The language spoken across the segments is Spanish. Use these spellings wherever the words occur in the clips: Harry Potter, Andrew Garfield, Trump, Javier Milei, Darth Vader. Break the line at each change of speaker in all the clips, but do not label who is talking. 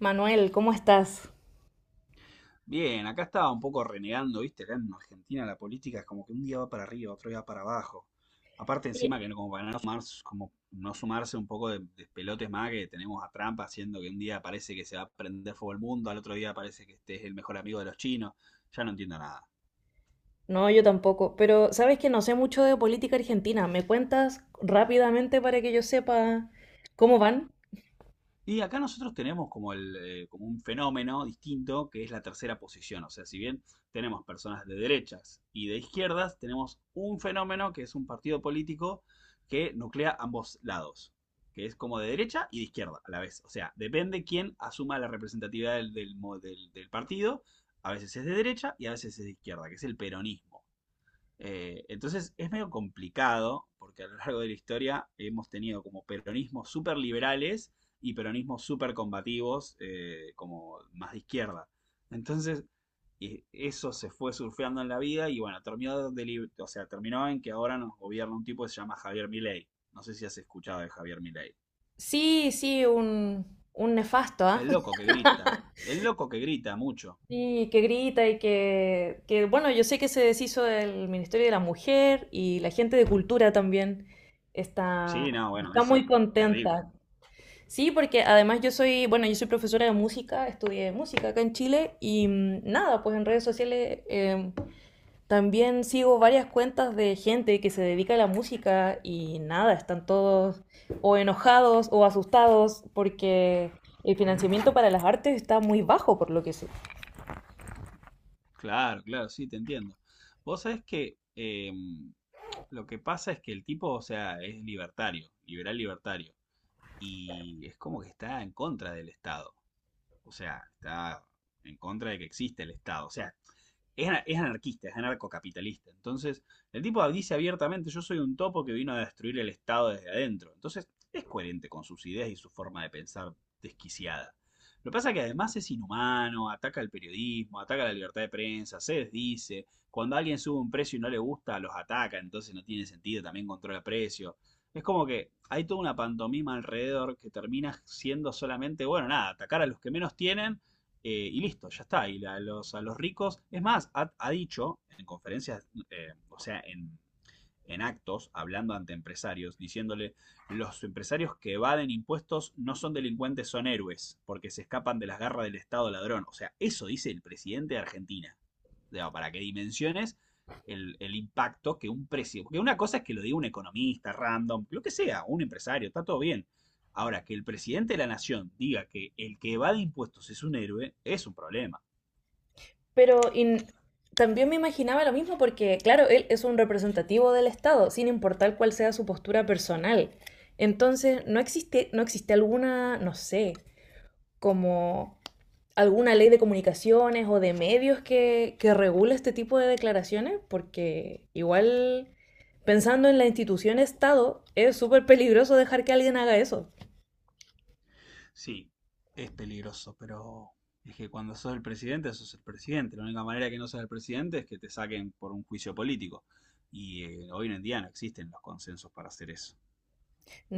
Manuel, ¿cómo estás?
Bien, acá estaba un poco renegando, ¿viste? Acá en Argentina la política es como que un día va para arriba, otro día va para abajo. Aparte
Bien.
encima que como para no sumarse, como no sumarse un poco de pelotes más que tenemos a Trump haciendo que un día parece que se va a prender fuego el mundo, al otro día parece que este es el mejor amigo de los chinos. Ya no entiendo nada.
No, yo tampoco, pero sabes que no sé mucho de política argentina. ¿Me cuentas rápidamente para que yo sepa cómo van?
Y acá nosotros tenemos como, como un fenómeno distinto que es la tercera posición. O sea, si bien tenemos personas de derechas y de izquierdas, tenemos un fenómeno que es un partido político que nuclea ambos lados, que es como de derecha y de izquierda a la vez. O sea, depende quién asuma la representatividad del partido. A veces es de derecha y a veces es de izquierda, que es el peronismo. Entonces es medio complicado, porque a lo largo de la historia hemos tenido como peronismos súper liberales y peronismos súper combativos, como más de izquierda. Entonces, eso se fue surfeando en la vida y bueno, terminó, o sea, terminó en que ahora nos gobierna un tipo que se llama Javier Milei. No sé si has escuchado de Javier Milei.
Sí, sí, un nefasto, ¿ah?
El loco que grita. El loco que grita mucho.
Sí, que grita y que, bueno, yo sé que se deshizo del Ministerio de la Mujer y la gente de cultura también está,
Sí, no, bueno,
está muy
eso, terrible.
contenta. Sí, porque además yo soy, bueno, yo soy profesora de música, estudié música acá en Chile y nada, pues en redes sociales también sigo varias cuentas de gente que se dedica a la música y nada, están todos o enojados o asustados porque el financiamiento para las artes está muy bajo, por lo que sé.
Claro, claro, sí, te entiendo. Vos sabés que lo que pasa es que el tipo, o sea, es libertario, liberal libertario, y es como que está en contra del Estado, o sea, está en contra de que existe el Estado, o sea, es, es anarquista, es anarcocapitalista. Entonces, el tipo dice abiertamente, yo soy un topo que vino a destruir el Estado desde adentro. Entonces, es coherente con sus ideas y su forma de pensar desquiciada. Lo que pasa es que además es inhumano, ataca el periodismo, ataca la libertad de prensa, se desdice. Cuando alguien sube un precio y no le gusta, los ataca, entonces no tiene sentido, también controla el precio. Es como que hay toda una pantomima alrededor que termina siendo solamente, bueno, nada, atacar a los que menos tienen y listo, ya está. Y a los ricos, es más, ha dicho en conferencias, en actos, hablando ante empresarios, diciéndole, los empresarios que evaden impuestos no son delincuentes, son héroes, porque se escapan de las garras del Estado ladrón. O sea, eso dice el presidente de Argentina. O sea, para qué dimensiones el impacto que un precio. Porque una cosa es que lo diga un economista random, lo que sea, un empresario, está todo bien. Ahora, que el presidente de la nación diga que el que evade impuestos es un héroe, es un problema.
Pero in- También me imaginaba lo mismo porque, claro, él es un representativo del Estado, sin importar cuál sea su postura personal. Entonces, no existe alguna, no sé, como alguna ley de comunicaciones o de medios que regule este tipo de declaraciones, porque igual pensando en la institución Estado, es súper peligroso dejar que alguien haga eso.
Sí, es peligroso, pero es que cuando sos el presidente, sos el presidente. La única manera que no seas el presidente es que te saquen por un juicio político. Y hoy en día no existen los consensos para hacer eso,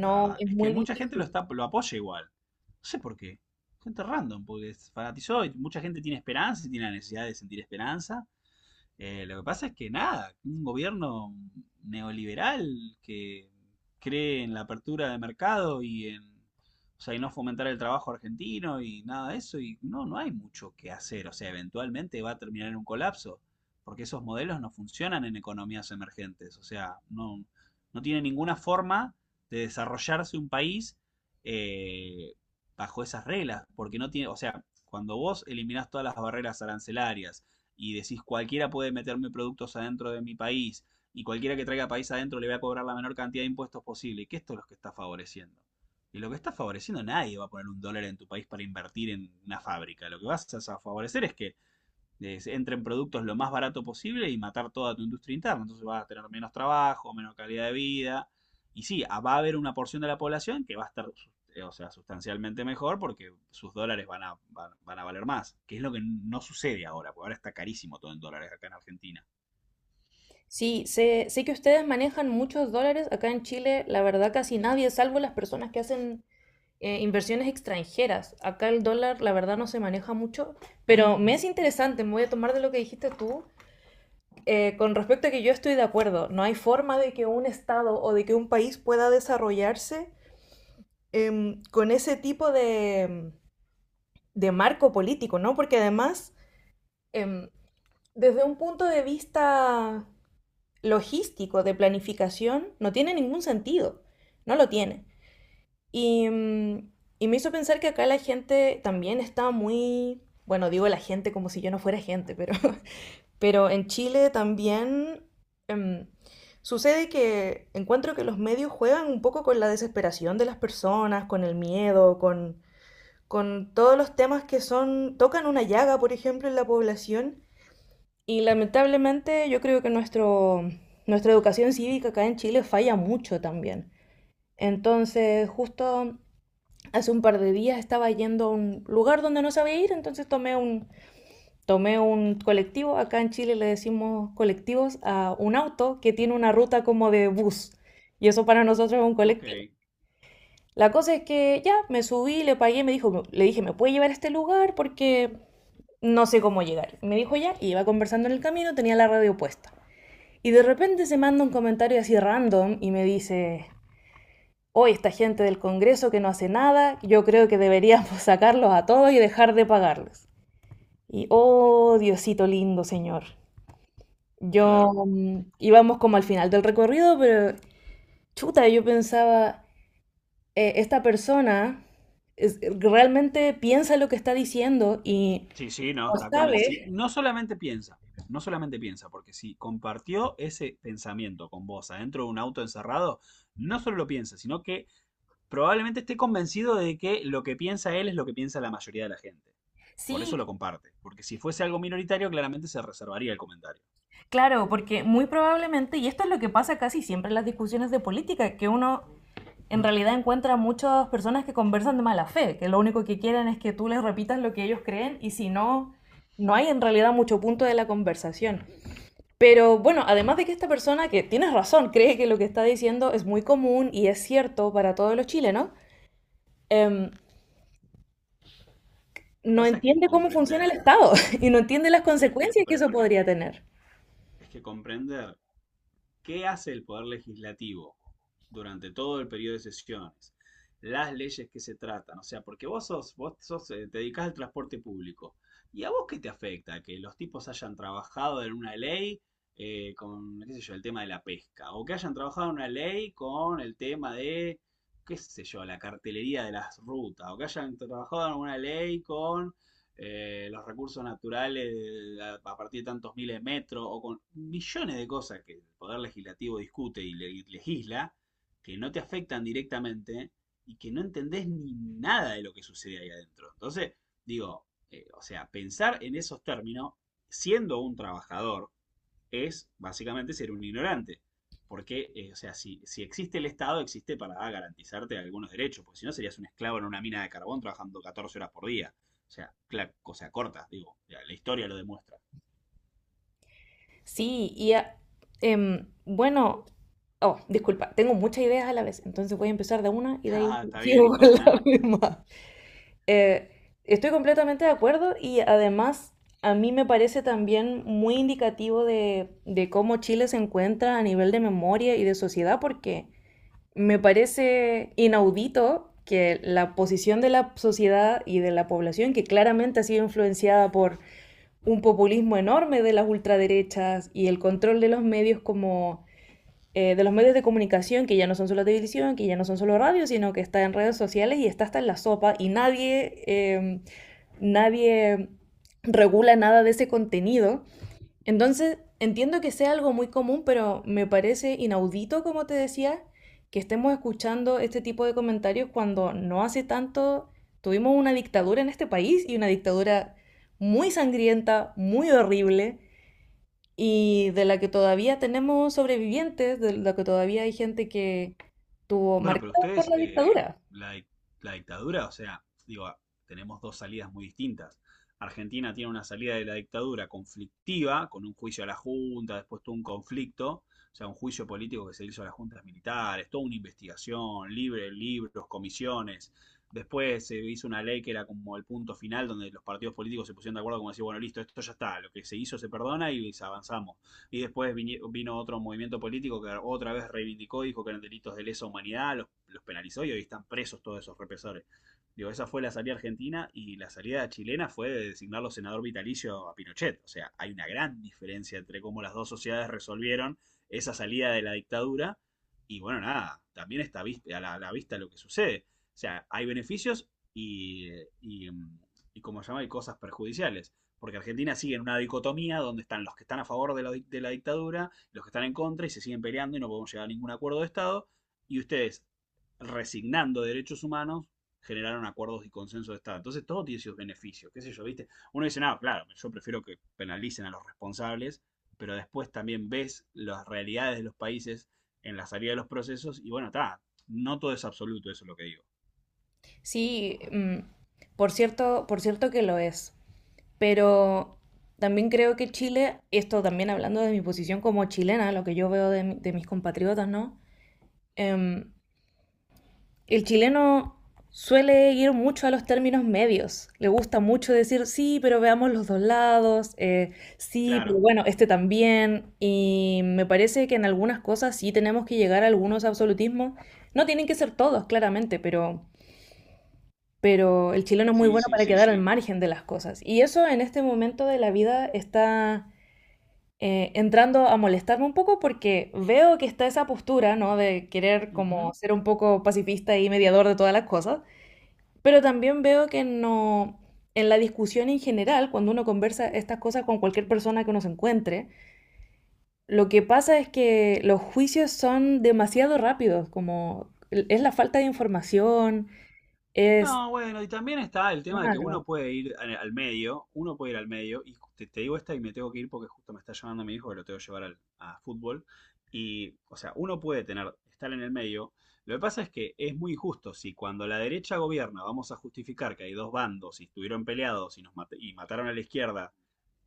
la verdad.
es
Es que
muy
mucha gente
difícil.
lo apoya igual. No sé por qué. Gente random, porque se fanatizó y mucha gente tiene esperanza y tiene la necesidad de sentir esperanza. Lo que pasa es que nada, un gobierno neoliberal que cree en la apertura de mercado y en, o sea, y no fomentar el trabajo argentino y nada de eso, no hay mucho que hacer, o sea, eventualmente va a terminar en un colapso, porque esos modelos no funcionan en economías emergentes, o sea, no, no tiene ninguna forma de desarrollarse un país eh, bajo esas reglas, porque no tiene, o sea, cuando vos eliminás todas las barreras arancelarias, y decís cualquiera puede meterme productos adentro de mi país y cualquiera que traiga país adentro le voy a cobrar la menor cantidad de impuestos posible, y que esto es lo que está favoreciendo. Y lo que está favoreciendo, nadie va a poner un dólar en tu país para invertir en una fábrica. Lo que vas a favorecer es que entren productos lo más barato posible y matar toda tu industria interna. Entonces vas a tener menos trabajo, menos calidad de vida. Y sí, va a haber una porción de la población que va a estar sustancialmente mejor porque sus dólares van a valer más, que es lo que no sucede ahora, porque ahora está carísimo todo en dólares acá en Argentina.
Sí, sé que ustedes manejan muchos dólares. Acá en Chile, la verdad, casi nadie, salvo las personas que hacen inversiones extranjeras. Acá el dólar, la verdad, no se maneja mucho. Pero me es interesante, me voy a tomar de lo que dijiste tú, con respecto a que yo estoy de acuerdo, no hay forma de que un Estado o de que un país pueda desarrollarse con ese tipo de marco político, ¿no? Porque además, eh, desde un punto de vista logístico, de planificación, no tiene ningún sentido, no lo tiene. Y, em, y me hizo pensar que acá la gente también está muy, bueno, digo la gente como si yo no fuera gente, Pero en Chile también em, sucede que encuentro que los medios juegan un poco con la desesperación de las personas, con el miedo, con todos los temas que son, tocan una llaga, por ejemplo, en la población. Y lamentablemente yo creo que nuestra educación cívica acá en Chile falla mucho también. Entonces, justo hace un par de días estaba yendo a un lugar donde no sabía ir, entonces tomé un colectivo. Acá en Chile le decimos colectivos a un auto que tiene una ruta como de bus. Y eso para nosotros es un
Ok,
colectivo. La cosa es que ya me subí, le pagué, le dije, ¿me puede llevar a este lugar? Porque no sé cómo llegar. Me dijo ya, y iba conversando en el camino, tenía la radio puesta. Y de repente se manda un comentario así random y me dice, hoy esta gente del Congreso que no hace nada, yo creo que deberíamos sacarlos a todos y dejar de pagarles. Y oh, Diosito lindo, Señor.
claro.
Íbamos como al final del recorrido, pero chuta, yo pensaba, esta persona realmente piensa lo que está diciendo y
Sí, sí, no,
no
está convencido.
sabe.
No solamente piensa, no solamente piensa, porque si compartió ese pensamiento con vos adentro de un auto encerrado, no solo lo piensa, sino que probablemente esté convencido de que lo que piensa él es lo que piensa la mayoría de la gente. Por
Sí,
eso lo comparte. Porque si fuese algo minoritario, claramente se reservaría el comentario.
claro, porque muy probablemente, y esto es lo que pasa casi siempre en las discusiones de política, que uno en realidad encuentra muchas personas que conversan de mala fe, que lo único que quieren es que tú les repitas lo que ellos creen y si no, no hay en realidad mucho punto de la conversación. Pero bueno, además de que esta persona, que tienes razón, cree que lo que está diciendo es muy común y es cierto para todos los chilenos, em,
Lo que
no
pasa es que
entiende cómo funciona el
comprender,
Estado y no entiende las
pero es que,
consecuencias que
pero
eso
es que,
podría tener.
es que comprender ¿qué hace el Poder Legislativo durante todo el periodo de sesiones? Las leyes que se tratan, o sea, porque te dedicás al transporte público. ¿Y a vos qué te afecta? Que los tipos hayan trabajado en una ley con, qué sé yo, el tema de la pesca, o que hayan trabajado en una ley con el tema de, qué sé yo, la cartelería de las rutas, o que hayan trabajado en una ley con los recursos naturales a partir de tantos miles de metros, o con millones de cosas que el Poder Legislativo discute y legisla, que no te afectan directamente y que no entendés ni nada de lo que sucede ahí adentro. Entonces, digo, pensar en esos términos, siendo un trabajador, es básicamente ser un ignorante. Porque, si, si existe el Estado, existe para garantizarte algunos derechos, porque si no serías un esclavo en una mina de carbón trabajando 14 horas por día. O sea, cosa corta, digo, la historia lo demuestra.
Sí, bueno, oh, disculpa, tengo muchas ideas a la vez, entonces voy a empezar de una y de ahí
Ah, está bien,
sigo
no
con
pasa nada.
la misma. Eh, Estoy completamente de acuerdo y además a mí me parece también muy indicativo de cómo Chile se encuentra a nivel de memoria y de sociedad porque me parece inaudito que la posición de la sociedad y de la población, que claramente ha sido influenciada por un populismo enorme de las ultraderechas y el control de los medios como de los medios de comunicación, que ya no son solo televisión, que ya no son solo radio, sino que está en redes sociales y está hasta en la sopa y nadie regula nada de ese contenido. Entonces, entiendo que sea algo muy común, pero me parece inaudito, como te decía, que estemos escuchando este tipo de comentarios cuando no hace tanto tuvimos una dictadura en este país y una dictadura muy sangrienta, muy horrible, y de la que todavía tenemos sobrevivientes, de la que todavía hay gente que tuvo
Bueno, pero
marcada por
ustedes,
la dictadura.
la, dic- la dictadura, o sea, digo, ah, tenemos dos salidas muy distintas. Argentina tiene una salida de la dictadura conflictiva, con un juicio a la Junta, después tuvo un conflicto, o sea, un juicio político que se hizo a las juntas militares, toda una investigación, libre, libros, comisiones. Después se hizo una ley que era como el punto final donde los partidos políticos se pusieron de acuerdo como decir, bueno, listo, esto ya está, lo que se hizo se perdona y avanzamos y después vino otro movimiento político que otra vez reivindicó, dijo que eran delitos de lesa humanidad, los penalizó y hoy están presos todos esos represores. Digo, esa fue la salida argentina y la salida chilena fue de designarlo senador vitalicio a Pinochet. O sea, hay una gran diferencia entre cómo las dos sociedades resolvieron esa salida de la dictadura y bueno, nada, también está a la vista lo que sucede. O sea, hay beneficios y, y, y como se llama, hay cosas perjudiciales. Porque Argentina sigue en una dicotomía donde están los que están a favor de de la dictadura, los que están en contra y se siguen peleando y no podemos llegar a ningún acuerdo de Estado. Y ustedes, resignando derechos humanos, generaron acuerdos y consenso de Estado. Entonces todo tiene sus beneficios, qué sé yo, ¿viste? Uno dice, no, claro, yo prefiero que penalicen a los responsables, pero después también ves las realidades de los países en la salida de los procesos y bueno, está, no todo es absoluto, eso es lo que digo.
Sí, por cierto que lo es. Pero también creo que Chile, esto también hablando de mi posición como chilena, lo que yo veo de mis compatriotas, ¿no? Em, el chileno suele ir mucho a los términos medios. Le gusta mucho decir, sí, pero veamos los dos lados, sí, pero
Claro,
bueno, este también. Y me parece que en algunas cosas sí tenemos que llegar a algunos absolutismos. No tienen que ser todos, claramente, pero el chileno es muy
sí,
bueno
sí,
para, sí,
sí.
quedar al, sí, margen de las cosas. Y eso en este momento de la vida está entrando a molestarme un poco porque veo que está esa postura, ¿no? De querer como ser un poco pacifista y mediador de todas las cosas, pero también veo que no, en la discusión en general, cuando uno conversa estas cosas con cualquier persona que uno se encuentre, lo que pasa es que los juicios son demasiado rápidos, como es la falta de información, es.
No, bueno, y también está el tema de que uno
Claro,
puede ir al medio, uno puede ir al medio, y te digo esta y me tengo que ir porque justo me está llamando mi hijo que lo tengo que llevar a fútbol, y, o sea, uno puede tener, estar en el medio, lo que pasa es que es muy injusto, si cuando la derecha gobierna vamos a justificar que hay dos bandos y estuvieron peleados y mataron a la izquierda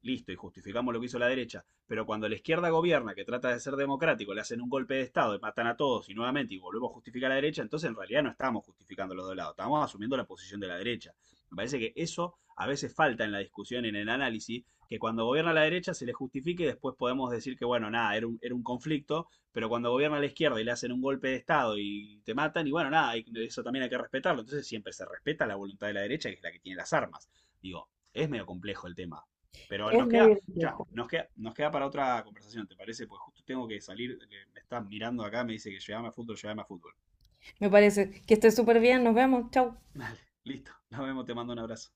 listo, y justificamos lo que hizo la derecha, pero cuando la izquierda gobierna, que trata de ser democrático, le hacen un golpe de Estado y matan a todos y nuevamente y volvemos a justificar a la derecha, entonces en realidad no estamos justificando los dos lados, estamos asumiendo la posición de la derecha. Me parece que eso a veces falta en la discusión, en el análisis, que cuando gobierna la derecha se le justifique y después podemos decir que, bueno, nada, era un conflicto, pero cuando gobierna la izquierda y le hacen un golpe de Estado y te matan, y bueno, nada, eso también hay que respetarlo. Entonces siempre se respeta la voluntad de la derecha, que es la que tiene las armas. Digo, es medio complejo el tema. Pero
es
nos queda,
medio complejo.
nos queda para otra conversación, ¿te parece? Pues justo tengo que salir, me está mirando acá, me dice que llegame a fútbol, llegame a fútbol.
Me parece que esté súper bien, nos vemos, chau.
Dale, listo, nos vemos, te mando un abrazo.